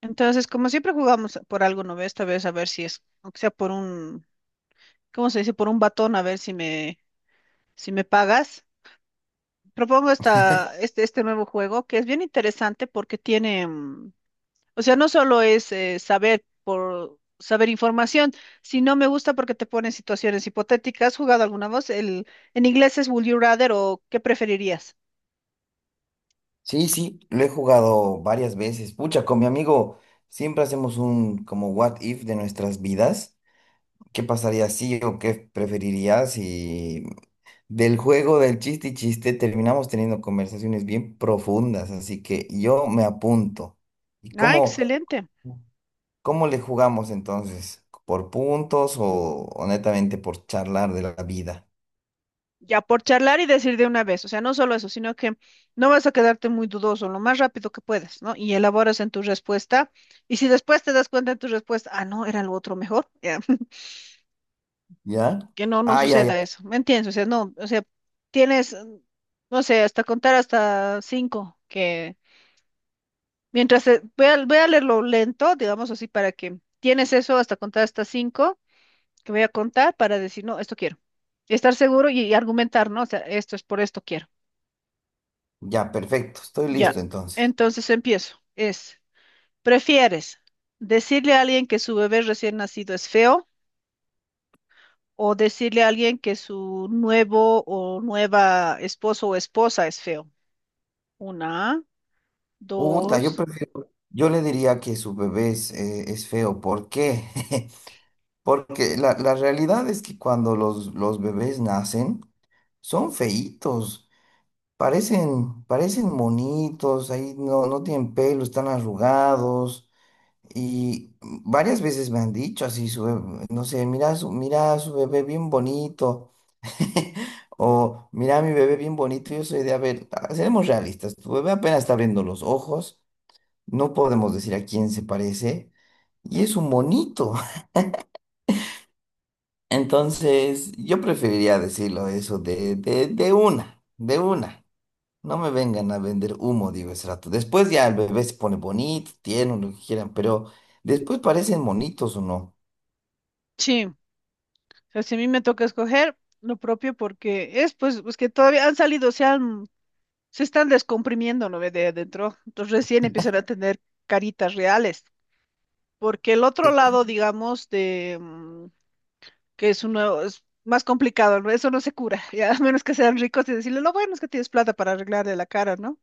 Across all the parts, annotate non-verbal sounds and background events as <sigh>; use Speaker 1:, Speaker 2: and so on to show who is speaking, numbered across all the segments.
Speaker 1: Entonces, como siempre jugamos por algo, ¿no ve? Esta vez a ver si es, aunque sea por un, ¿cómo se dice? Por un batón, a ver si me pagas. Propongo este nuevo juego que es bien interesante porque tiene, o sea, no solo es saber por saber información, sino me gusta porque te pone en situaciones hipotéticas. ¿Has jugado alguna voz? El, en inglés es Would you rather o ¿qué preferirías?
Speaker 2: Sí, sí, lo he jugado varias veces. Pucha, con mi amigo siempre hacemos un como what if de nuestras vidas. ¿Qué pasaría si o qué preferirías si del juego del chiste y chiste terminamos teniendo conversaciones bien profundas? Así que yo me apunto. ¿Y
Speaker 1: Ah,
Speaker 2: cómo,
Speaker 1: excelente.
Speaker 2: cómo le jugamos entonces? ¿Por puntos o netamente por charlar de la vida?
Speaker 1: Ya por charlar y decir de una vez, o sea, no solo eso, sino que no vas a quedarte muy dudoso, lo más rápido que puedas, ¿no? Y elaboras en tu respuesta. Y si después te das cuenta en tu respuesta, ah, no, era lo otro mejor, ya, <laughs>
Speaker 2: ¿Ya?
Speaker 1: Que no, no
Speaker 2: Ah, ya, ya.
Speaker 1: suceda eso, ¿me entiendes? O sea, no, o sea, tienes, no sé, hasta contar hasta cinco, que mientras, voy a leerlo lento, digamos así, para que tienes eso hasta contar hasta cinco, que voy a contar para decir, no, esto quiero. Y estar seguro y argumentar, ¿no? O sea, esto es por esto quiero.
Speaker 2: Ya, perfecto. Estoy
Speaker 1: Ya,
Speaker 2: listo entonces.
Speaker 1: entonces empiezo. Es, ¿prefieres decirle a alguien que su bebé recién nacido es feo o decirle a alguien que su nuevo o nueva esposo o esposa es feo? Una,
Speaker 2: Uta, yo
Speaker 1: dos,
Speaker 2: prefiero, yo le diría que su bebé es feo. ¿Por qué? <laughs> Porque la realidad es que cuando los bebés nacen, son feitos, parecen monitos, ahí no tienen pelo, están arrugados. Y varias veces me han dicho así, su bebé- no sé, mira su bebé bien bonito. <laughs> O mira mi bebé bien bonito. Yo soy de, a ver, seremos realistas, tu bebé apenas está abriendo los ojos, no podemos decir a quién se parece, y es un monito. <laughs> Entonces, yo preferiría decirlo eso de una, de una. No me vengan a vender humo, digo ese rato. Después ya el bebé se pone bonito, tiene lo que quieran, pero después parecen monitos o no.
Speaker 1: sí. O sea, si a mí me toca escoger lo propio porque es pues que todavía han salido, se están descomprimiendo, ¿no ve? De adentro. Entonces recién empiezan a tener caritas reales. Porque el otro lado, digamos, que es uno, es más complicado, ¿no? Eso no se cura, <laughs> ya a menos que sean ricos y decirle, lo bueno es que tienes plata para arreglarle la cara, ¿no?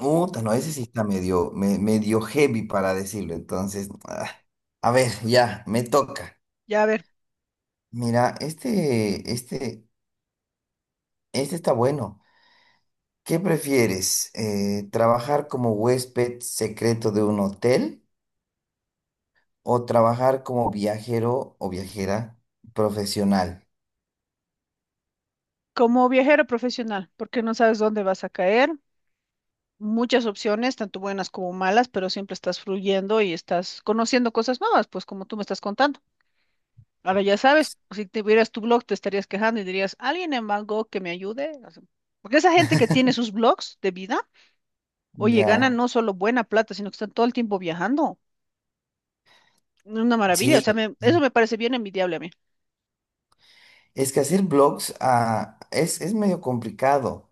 Speaker 2: Uta, no, ese sí está medio, me- medio heavy para decirlo. Entonces, a ver, ya, me toca.
Speaker 1: Ya a ver,
Speaker 2: Mira, este está bueno. ¿Qué prefieres? ¿Trabajar como huésped secreto de un hotel o trabajar como viajero o viajera profesional?
Speaker 1: como viajero profesional, porque no sabes dónde vas a caer, muchas opciones, tanto buenas como malas, pero siempre estás fluyendo y estás conociendo cosas nuevas, pues como tú me estás contando. Ahora ya sabes, si tuvieras tu blog, te estarías quejando y dirías, alguien en Bangkok que me ayude. O sea, porque esa gente que tiene sus blogs de vida, oye,
Speaker 2: Ya,
Speaker 1: ganan no solo buena plata, sino que están todo el tiempo viajando. Una maravilla, o sea,
Speaker 2: sí.
Speaker 1: eso
Speaker 2: Sí.
Speaker 1: me parece bien envidiable a mí.
Speaker 2: Es que hacer blogs es medio complicado.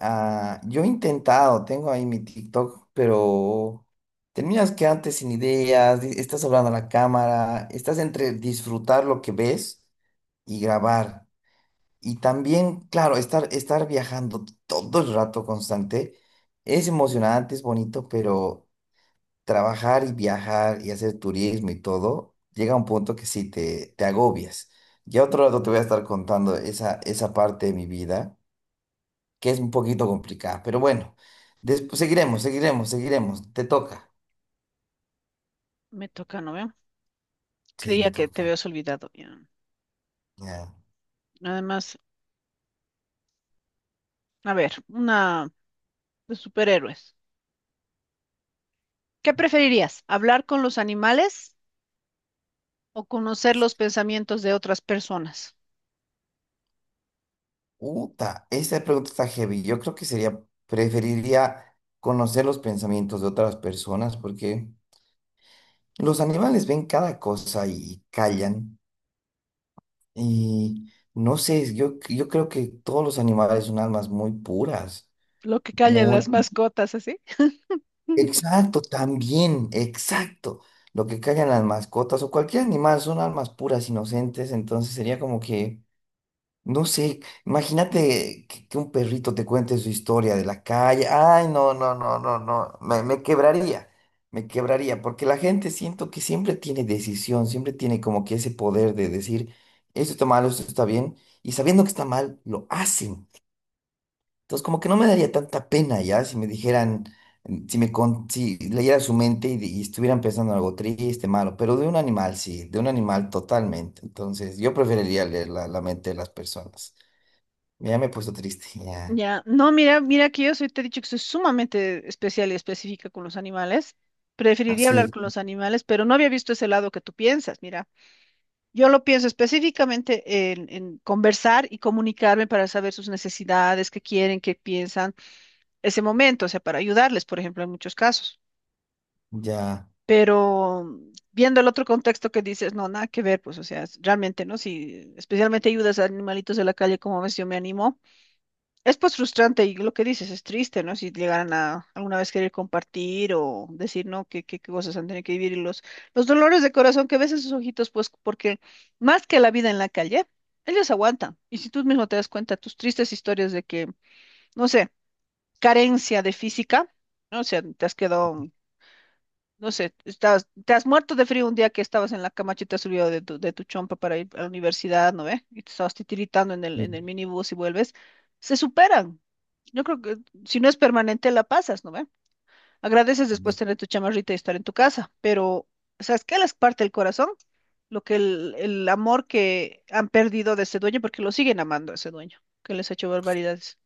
Speaker 2: Ah, yo he intentado, tengo ahí mi TikTok, pero terminas quedándote sin ideas, di- estás hablando a la cámara, estás entre disfrutar lo que ves y grabar. Y también, claro, estar viajando todo el rato constante es emocionante, es bonito, pero trabajar y viajar y hacer turismo y todo, llega a un punto que sí te agobias. Ya otro rato te voy a estar contando esa, esa parte de mi vida, que es un poquito complicada, pero bueno, después seguiremos. Te toca.
Speaker 1: Me toca, ¿no veo?
Speaker 2: Sí, te
Speaker 1: Creía que te
Speaker 2: toca.
Speaker 1: habías olvidado. Ya.
Speaker 2: Ya.
Speaker 1: Además, a ver, una de superhéroes. ¿Qué preferirías? ¿Hablar con los animales o conocer los pensamientos de otras personas?
Speaker 2: Uta, esta pregunta está heavy. Yo creo que sería, preferiría conocer los pensamientos de otras personas porque… Los animales ven cada cosa y callan. Y no sé, yo creo que todos los animales son almas muy puras,
Speaker 1: Lo que callan
Speaker 2: muy…
Speaker 1: las mascotas, así. <laughs>
Speaker 2: Exacto, también, exacto. Lo que callan las mascotas o cualquier animal son almas puras, inocentes, entonces sería como que… No sé, imagínate que un perrito te cuente su historia de la calle. Ay, no, no, no, no, no. Me quebraría, me quebraría, porque la gente siento que siempre tiene decisión, siempre tiene como que ese poder de decir, esto está mal, esto está bien, y sabiendo que está mal, lo hacen. Entonces, como que no me daría tanta pena ya si me dijeran, si me con- si leyera su mente y estuvieran pensando en algo triste, malo, pero de un animal, sí, de un animal totalmente. Entonces, yo preferiría leer la la mente de las personas. Ya me he puesto triste, ya.
Speaker 1: Ya, no, mira que yo soy, te he dicho que soy sumamente especial y específica con los animales. Preferiría hablar
Speaker 2: Así,
Speaker 1: con los animales, pero no había visto ese lado que tú piensas, mira. Yo lo pienso específicamente en conversar y comunicarme para saber sus necesidades, qué quieren, qué piensan, ese momento, o sea, para ayudarles, por ejemplo, en muchos casos.
Speaker 2: ya.
Speaker 1: Pero viendo el otro contexto que dices, no, nada que ver, pues, o sea, realmente, ¿no? Si especialmente ayudas a animalitos de la calle, como ves, yo me animo es pues frustrante y lo que dices es triste, ¿no? Si llegaran a alguna vez querer compartir o decir, ¿no? ¿Qué cosas han tenido que vivir? Y los dolores de corazón que ves en sus ojitos, pues porque más que la vida en la calle, ellos aguantan. Y si tú mismo te das cuenta, tus tristes historias de que, no sé, carencia de física, ¿no? O sea, te has quedado no sé, te has muerto de frío un día que estabas en la cama y te has subido de tu chompa para ir a la universidad, ¿no ve? Y te estabas titiritando en el, en
Speaker 2: de-
Speaker 1: el minibús y vuelves. Se superan. Yo creo que si no es permanente, la pasas, ¿no ve? Agradeces después
Speaker 2: de-
Speaker 1: tener tu chamarrita y estar en tu casa, pero ¿sabes qué les parte el corazón? Lo que el amor que han perdido de ese dueño, porque lo siguen amando a ese dueño, que les ha hecho barbaridades.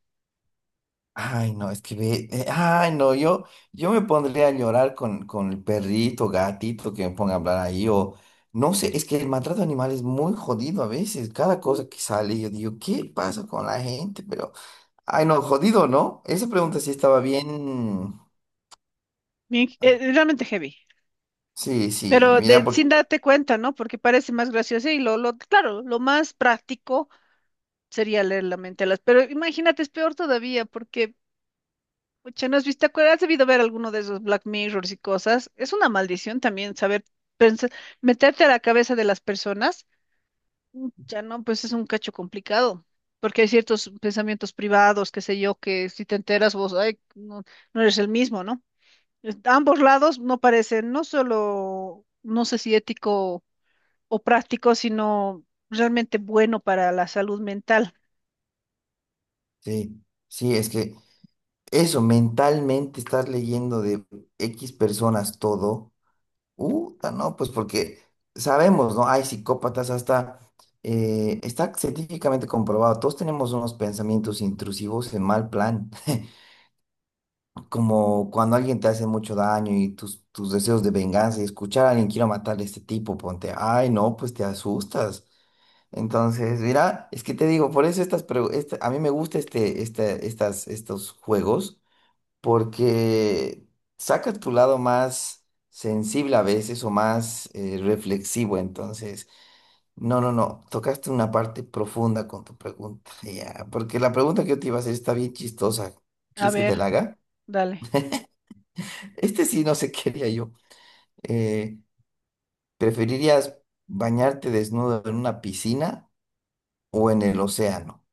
Speaker 2: Ay, no, es que ve. Ay, no, yo me pondría a llorar con el perrito, gatito que me ponga a hablar ahí. O no sé, es que el maltrato animal es muy jodido a veces. Cada cosa que sale, yo digo, ¿qué pasa con la gente? Pero, ay, no, jodido, ¿no? Esa
Speaker 1: Mm.
Speaker 2: pregunta sí estaba bien.
Speaker 1: Realmente heavy.
Speaker 2: Sí, sí,
Speaker 1: Pero
Speaker 2: mira, porque.
Speaker 1: sin darte cuenta, ¿no? Porque parece más gracioso y claro, lo más práctico sería leer la mente a las. Pero imagínate, es peor todavía, porque, pucha, ¿no has visto? ¿Te acuerdas? Has debido ver alguno de esos Black Mirrors y cosas. Es una maldición también saber pensar, meterte a la cabeza de las personas. Ya no, pues es un cacho complicado. Porque hay ciertos pensamientos privados, qué sé yo, que si te enteras vos, ay, no, no eres el mismo, ¿no? Ambos lados no parecen, no solo, no sé si ético o práctico, sino realmente bueno para la salud mental.
Speaker 2: Sí, sí, es que eso, mentalmente estar leyendo de X personas todo. Uta, no, pues porque sabemos, ¿no? Hay psicópatas hasta, está científicamente comprobado, todos tenemos unos pensamientos intrusivos en mal plan, <laughs> como cuando alguien te hace mucho daño y tus deseos de venganza y escuchar a alguien quiero matar a este tipo, ponte, ay, no, pues te asustas. Entonces, mira, es que te digo, por eso estas, pregu- esta- a mí me gusta estos juegos porque sacas tu lado más sensible a veces o más reflexivo. Entonces, no, no, no, tocaste una parte profunda con tu pregunta. <laughs> Ya, porque la pregunta que yo te iba a hacer está bien chistosa.
Speaker 1: A
Speaker 2: ¿Quieres que te
Speaker 1: ver,
Speaker 2: la haga?
Speaker 1: dale.
Speaker 2: Este sí, no sé <laughs> qué haría yo. Eh, ¿Preferirías bañarte desnudo en una piscina o en el océano?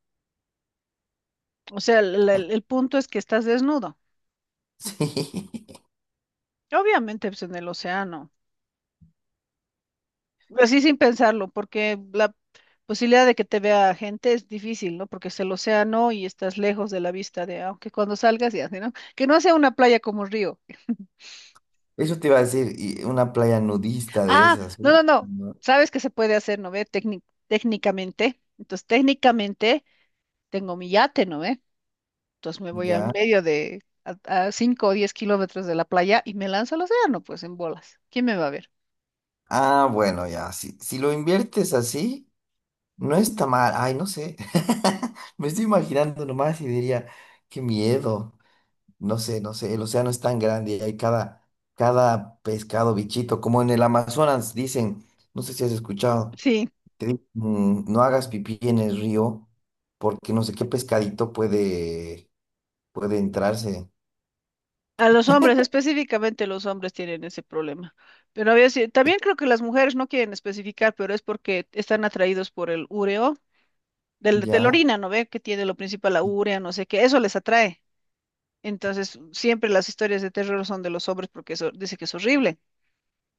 Speaker 1: O sea, el punto es que estás desnudo.
Speaker 2: <laughs> Sí,
Speaker 1: Obviamente, pues en el océano. Así sin pensarlo, porque la posibilidad de que te vea gente es difícil, ¿no? Porque es el océano y estás lejos de la vista de, aunque cuando salgas y así, ¿no? Que no sea una playa como río.
Speaker 2: eso te iba a decir, y una playa nudista de
Speaker 1: Ah,
Speaker 2: esas, ¿sí?
Speaker 1: no, no, no.
Speaker 2: ¿No?
Speaker 1: Sabes que se puede hacer, ¿no ve? Técnicamente. Entonces, técnicamente tengo mi yate, ¿no ve? Entonces me voy al
Speaker 2: Ya.
Speaker 1: medio a 5 o 10 kilómetros de la playa y me lanzo al océano, pues en bolas. ¿Quién me va a ver?
Speaker 2: Ah, bueno, ya, si, si lo inviertes así, no está mal. Ay, no sé. <laughs> Me estoy imaginando nomás y diría, qué miedo. No sé, no sé, el océano es tan grande y hay cada, cada pescado, bichito, como en el Amazonas dicen, no sé si has escuchado,
Speaker 1: Sí,
Speaker 2: te dicen, "Mm, no hagas pipí en el río porque no sé qué pescadito puede, puede entrarse,
Speaker 1: a los hombres, específicamente los hombres tienen ese problema. Pero a veces, también creo que las mujeres no quieren especificar, pero es porque están atraídos por el ureo, de la
Speaker 2: ¿ya?
Speaker 1: orina, ¿no ve? Que tiene lo principal la urea, no sé qué, eso les atrae. Entonces, siempre las historias de terror son de los hombres porque eso dice que es horrible.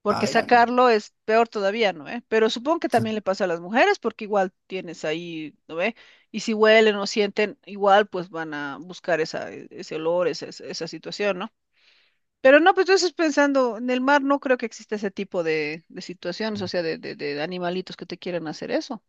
Speaker 1: Porque
Speaker 2: Ay.
Speaker 1: sacarlo es peor todavía, ¿no ve? Pero supongo que también le pasa a las mujeres, porque igual tienes ahí, ¿no ve? Y si huelen o sienten, igual pues van a buscar ese olor, esa situación, ¿no? Pero no, pues entonces pensando, en el mar no creo que exista ese tipo de situaciones, o sea, de animalitos que te quieran hacer eso.